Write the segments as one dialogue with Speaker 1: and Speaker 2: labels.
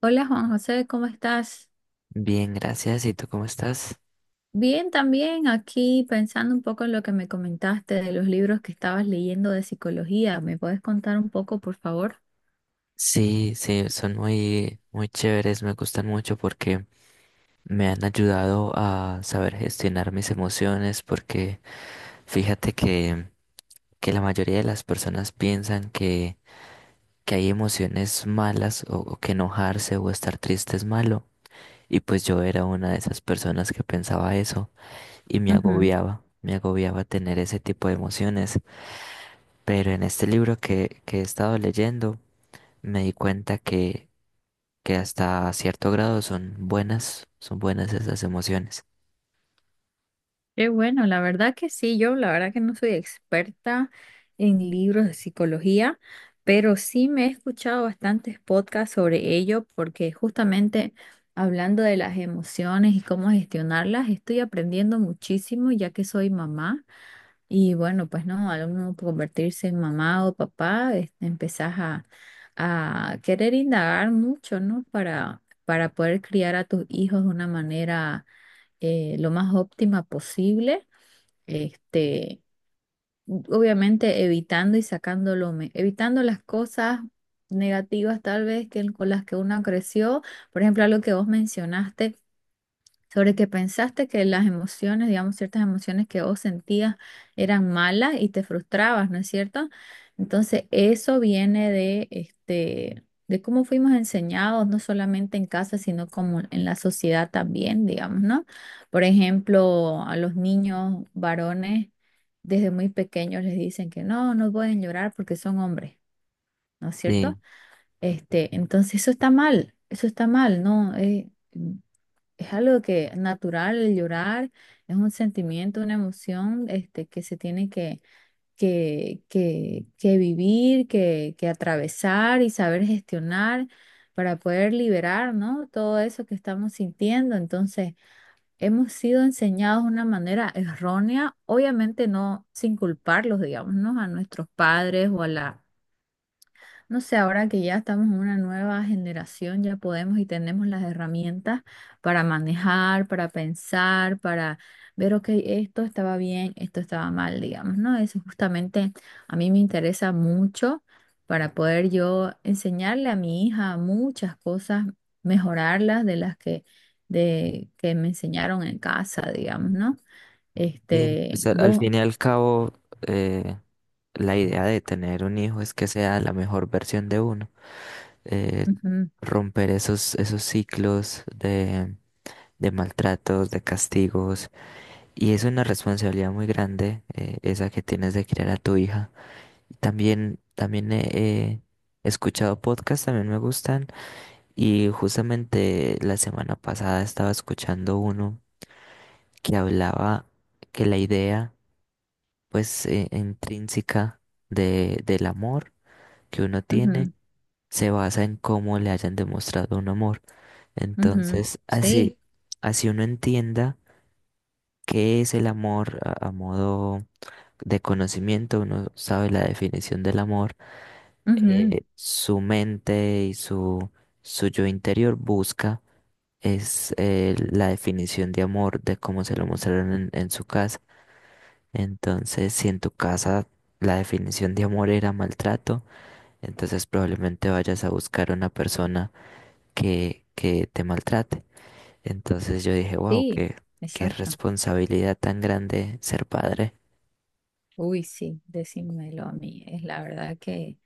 Speaker 1: Hola Juan José, ¿cómo estás?
Speaker 2: Bien, gracias. ¿Y tú cómo estás?
Speaker 1: Bien, también aquí pensando un poco en lo que me comentaste de los libros que estabas leyendo de psicología. ¿Me puedes contar un poco, por favor?
Speaker 2: Sí, sí, son muy, muy chéveres, me gustan mucho porque me han ayudado a saber gestionar mis emociones, porque fíjate que la mayoría de las personas piensan que hay emociones malas o que enojarse o estar triste es malo. Y pues yo era una de esas personas que pensaba eso y me agobiaba tener ese tipo de emociones. Pero en este libro que he estado leyendo, me di cuenta que hasta cierto grado son buenas esas emociones.
Speaker 1: Qué bueno, la verdad que sí, yo la verdad que no soy experta en libros de psicología, pero sí me he escuchado bastantes podcasts sobre ello porque justamente hablando de las emociones y cómo gestionarlas, estoy aprendiendo muchísimo ya que soy mamá y bueno, pues no, al uno convertirse en mamá o papá, empezás a querer indagar mucho, ¿no? Para poder criar a tus hijos de una manera lo más óptima posible, este, obviamente evitando y sacando evitando las cosas negativas tal vez con las que uno creció. Por ejemplo, algo que vos mencionaste sobre que pensaste que las emociones, digamos, ciertas emociones que vos sentías eran malas y te frustrabas, ¿no es cierto? Entonces, eso viene de de cómo fuimos enseñados, no solamente en casa, sino como en la sociedad también, digamos, ¿no? Por ejemplo, a los niños varones desde muy pequeños les dicen que no pueden llorar porque son hombres, ¿no es
Speaker 2: Sí,
Speaker 1: cierto? Entonces eso está mal, ¿no? Es algo que natural, el llorar es un sentimiento, una emoción que se tiene que vivir, que atravesar y saber gestionar para poder liberar, ¿no? Todo eso que estamos sintiendo. Entonces, hemos sido enseñados de una manera errónea, obviamente no sin culparlos, digamos, ¿no? A nuestros padres o a la no sé, ahora que ya estamos en una nueva generación, ya podemos y tenemos las herramientas para manejar, para pensar, para ver, ok, esto estaba bien, esto estaba mal, digamos, ¿no? Eso justamente a mí me interesa mucho para poder yo enseñarle a mi hija muchas cosas, mejorarlas de las que me enseñaron en casa, digamos, ¿no?
Speaker 2: sí, pues al
Speaker 1: Vos,
Speaker 2: fin y al cabo, eh, la idea de tener un hijo es que sea la mejor versión de uno. Eh,
Speaker 1: ujú,
Speaker 2: Romper esos, esos ciclos de maltratos, de castigos. Y es una responsabilidad muy grande, esa que tienes de criar a tu hija. También, también he escuchado podcasts, también me gustan. Y justamente la semana pasada estaba escuchando uno que hablaba que la idea, pues, intrínseca del amor que uno tiene
Speaker 1: ujú,
Speaker 2: se basa en cómo le hayan demostrado un amor.
Speaker 1: ujú,
Speaker 2: Entonces,
Speaker 1: sí,
Speaker 2: así, así uno entienda. ¿Qué es el amor a modo de conocimiento? Uno sabe la definición del amor.
Speaker 1: ujú,
Speaker 2: Su mente y su yo interior busca es la definición de amor de cómo se lo mostraron en su casa. Entonces, si en tu casa la definición de amor era maltrato, entonces probablemente vayas a buscar una persona que te maltrate. Entonces yo dije, wow,
Speaker 1: sí,
Speaker 2: qué
Speaker 1: exacto.
Speaker 2: responsabilidad tan grande ser padre.
Speaker 1: Uy, sí, decímelo a mí. Es la verdad que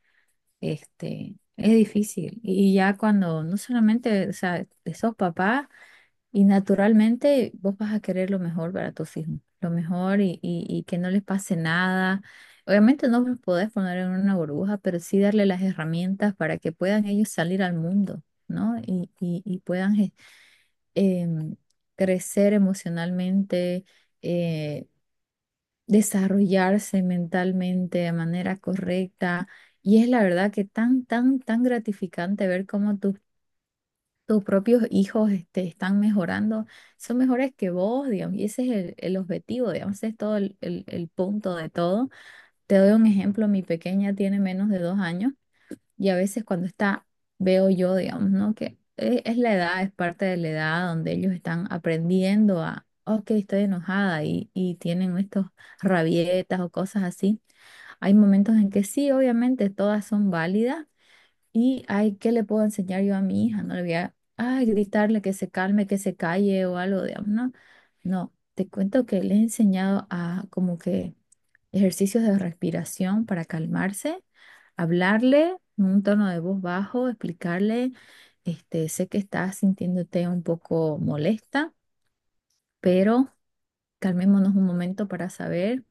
Speaker 1: este es difícil. Y ya cuando no solamente, o sea, sos papá y naturalmente vos vas a querer lo mejor para tus hijos, lo mejor y que no les pase nada. Obviamente no los podés poner en una burbuja, pero sí darle las herramientas para que puedan ellos salir al mundo, ¿no? Y puedan em, crecer emocionalmente eh, desarrollarse mentalmente de manera correcta. Y es la verdad que tan gratificante ver cómo tus, tus propios hijos están mejorando. Son mejores que vos, digamos, y ese es el objetivo, digamos, ese es todo el punto de todo. Te doy un ejemplo, mi pequeña tiene menos de dos años. Y a veces cuando está, veo yo, digamos, ¿no? Es la edad, es parte de la edad donde ellos están aprendiendo a, ok, estoy enojada y tienen estos rabietas o cosas así. Hay momentos en que sí, obviamente, todas son válidas y hay, ¿qué le puedo enseñar yo a mi hija? No le voy a, ay, gritarle que se calme, que se calle o algo, digamos, ¿no? No, te cuento que le he enseñado a como que ejercicios de respiración para calmarse, hablarle en un tono de voz bajo, explicarle, sé que estás sintiéndote un poco molesta, pero calmémonos un momento para saber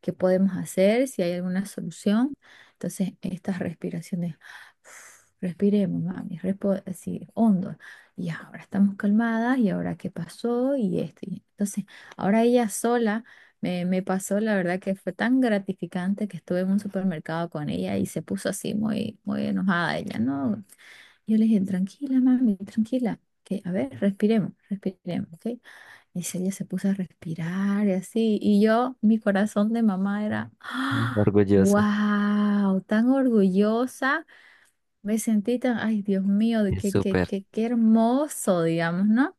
Speaker 1: qué podemos hacer, si hay alguna solución. Entonces, estas respiraciones, respiremos, mami, así hondo. Y ahora estamos calmadas y ahora qué pasó y esto. Entonces, ahora ella sola me pasó, la verdad que fue tan gratificante que estuve en un supermercado con ella y se puso así muy enojada ella, ¿no? Yo le dije, tranquila, mami, tranquila, que a ver, respiremos, respiremos, ¿ok? Y si ella se puso a respirar y así, y yo, mi corazón de mamá era,
Speaker 2: Mm.
Speaker 1: ¡ah!
Speaker 2: Orgullosa.
Speaker 1: ¡Wow! Tan orgullosa, me sentí tan, ay, Dios mío, de
Speaker 2: Es súper,
Speaker 1: qué hermoso, digamos, ¿no?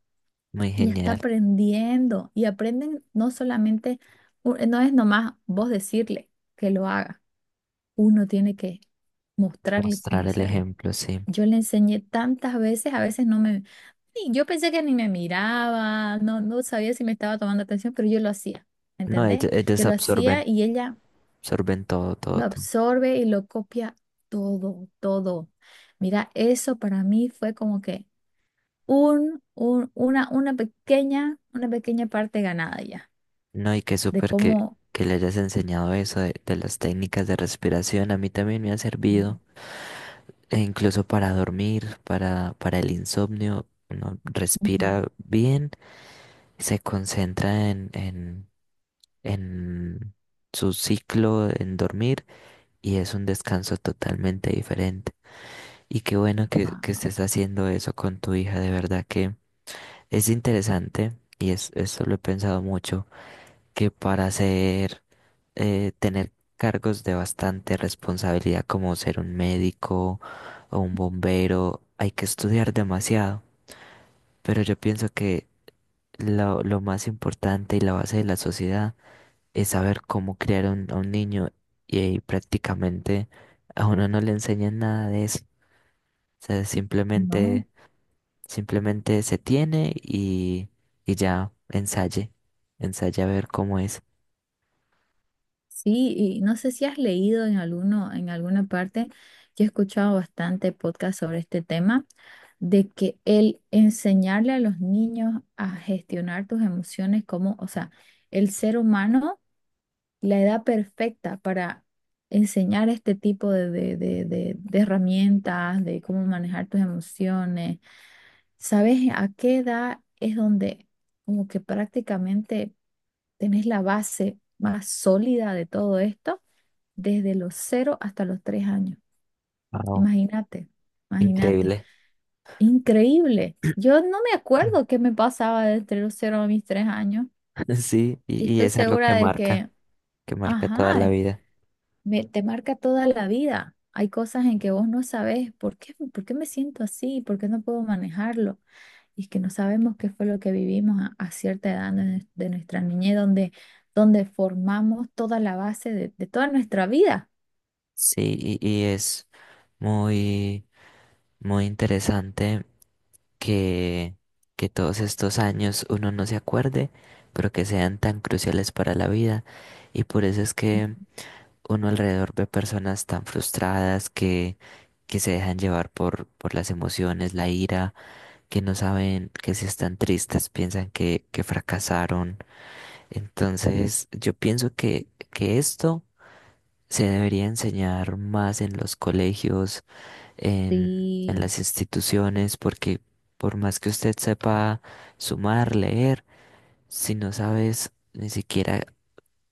Speaker 2: muy
Speaker 1: Ella está
Speaker 2: genial.
Speaker 1: aprendiendo y aprenden no solamente, no es nomás vos decirle que lo haga, uno tiene que mostrarle cómo
Speaker 2: Mostrar el
Speaker 1: hacerlo.
Speaker 2: ejemplo, sí.
Speaker 1: Yo le enseñé tantas veces, a veces no me Sí, yo pensé que ni me miraba, no sabía si me estaba tomando atención, pero yo lo hacía,
Speaker 2: No,
Speaker 1: ¿entendés?
Speaker 2: ellos
Speaker 1: Yo lo hacía
Speaker 2: absorben,
Speaker 1: y ella
Speaker 2: absorben todo, todo,
Speaker 1: lo
Speaker 2: todo.
Speaker 1: absorbe y lo copia todo, todo. Mira, eso para mí fue como que una pequeña parte ganada ya,
Speaker 2: No, y qué
Speaker 1: de
Speaker 2: súper
Speaker 1: cómo...
Speaker 2: que le hayas enseñado eso de las técnicas de respiración. A mí también me ha servido, e incluso para dormir, para el insomnio. Uno respira bien, se concentra en en su ciclo, en dormir, y es un descanso totalmente diferente. Y qué bueno que
Speaker 1: Wow,
Speaker 2: estés haciendo eso con tu hija, de verdad que es interesante, y es, eso lo he pensado mucho, que para ser, tener cargos de bastante responsabilidad como ser un médico o un bombero, hay que estudiar demasiado, pero yo pienso que lo más importante y la base de la sociedad es saber cómo criar a un niño y, ahí prácticamente a uno no le enseñan nada de eso. O sea,
Speaker 1: no.
Speaker 2: simplemente, simplemente se tiene y ya ensaye, ensaye a ver cómo es.
Speaker 1: Sí, y no sé si has leído en alguno, en alguna parte, yo he escuchado bastante podcast sobre este tema, de que el enseñarle a los niños a gestionar tus emociones como, o sea, el ser humano, la edad perfecta para enseñar este tipo de herramientas, de cómo manejar tus emociones. ¿Sabes a qué edad es donde como que prácticamente tenés la base más sólida de todo esto? Desde los cero hasta los 3 años.
Speaker 2: Wow,
Speaker 1: Imagínate, imagínate.
Speaker 2: increíble.
Speaker 1: Increíble. Yo no me acuerdo qué me pasaba desde los cero a mis 3 años
Speaker 2: Sí,
Speaker 1: y
Speaker 2: y
Speaker 1: estoy
Speaker 2: es algo
Speaker 1: segura de que,
Speaker 2: que marca toda la
Speaker 1: ajá,
Speaker 2: vida.
Speaker 1: te marca toda la vida. Hay cosas en que vos no sabés por qué me siento así, por qué no puedo manejarlo. Y es que no sabemos qué fue lo que vivimos a cierta edad de, de nuestra niñez, donde, donde formamos toda la base de toda nuestra vida.
Speaker 2: Sí, y es muy, muy interesante que, que todos estos años uno no se acuerde, pero que sean tan cruciales para la vida. Y por eso es que uno alrededor ve personas tan frustradas que se dejan llevar por las emociones, la ira, que no saben que si están tristes, piensan que fracasaron. Entonces, yo pienso que esto se debería enseñar más en los colegios en, en
Speaker 1: Sí,
Speaker 2: las instituciones, porque por más que usted sepa sumar, leer, si no sabes ni siquiera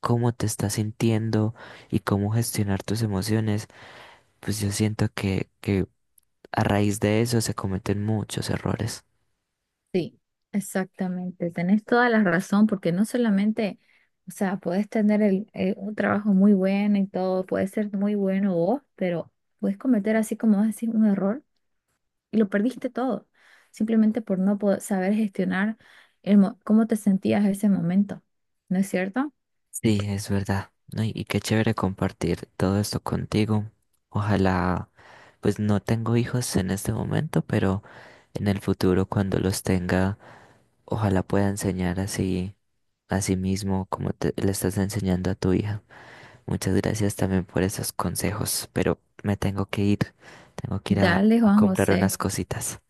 Speaker 2: cómo te estás sintiendo y cómo gestionar tus emociones, pues yo siento que a raíz de eso se cometen muchos errores.
Speaker 1: sí, exactamente. Tenés toda la razón porque no solamente, o sea, podés tener un trabajo muy bueno y todo, puede ser muy bueno vos, pero puedes cometer así como vas a decir un error y lo perdiste todo, simplemente por no poder saber gestionar cómo te sentías en ese momento. ¿No es cierto?
Speaker 2: Sí, es verdad, ¿no? Y qué chévere compartir todo esto contigo. Ojalá, pues no tengo hijos en este momento, pero en el futuro cuando los tenga, ojalá pueda enseñar así. Asimismo, como te, le estás enseñando a tu hija. Muchas gracias también por esos consejos, pero me tengo que ir. Tengo que ir
Speaker 1: Dale,
Speaker 2: a
Speaker 1: Juan
Speaker 2: comprar
Speaker 1: José,
Speaker 2: unas cositas.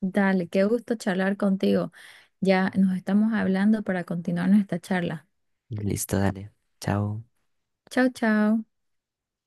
Speaker 1: dale, qué gusto charlar contigo. Ya nos estamos hablando para continuar nuestra charla.
Speaker 2: Listo, dale. Chao.
Speaker 1: Chao, chao.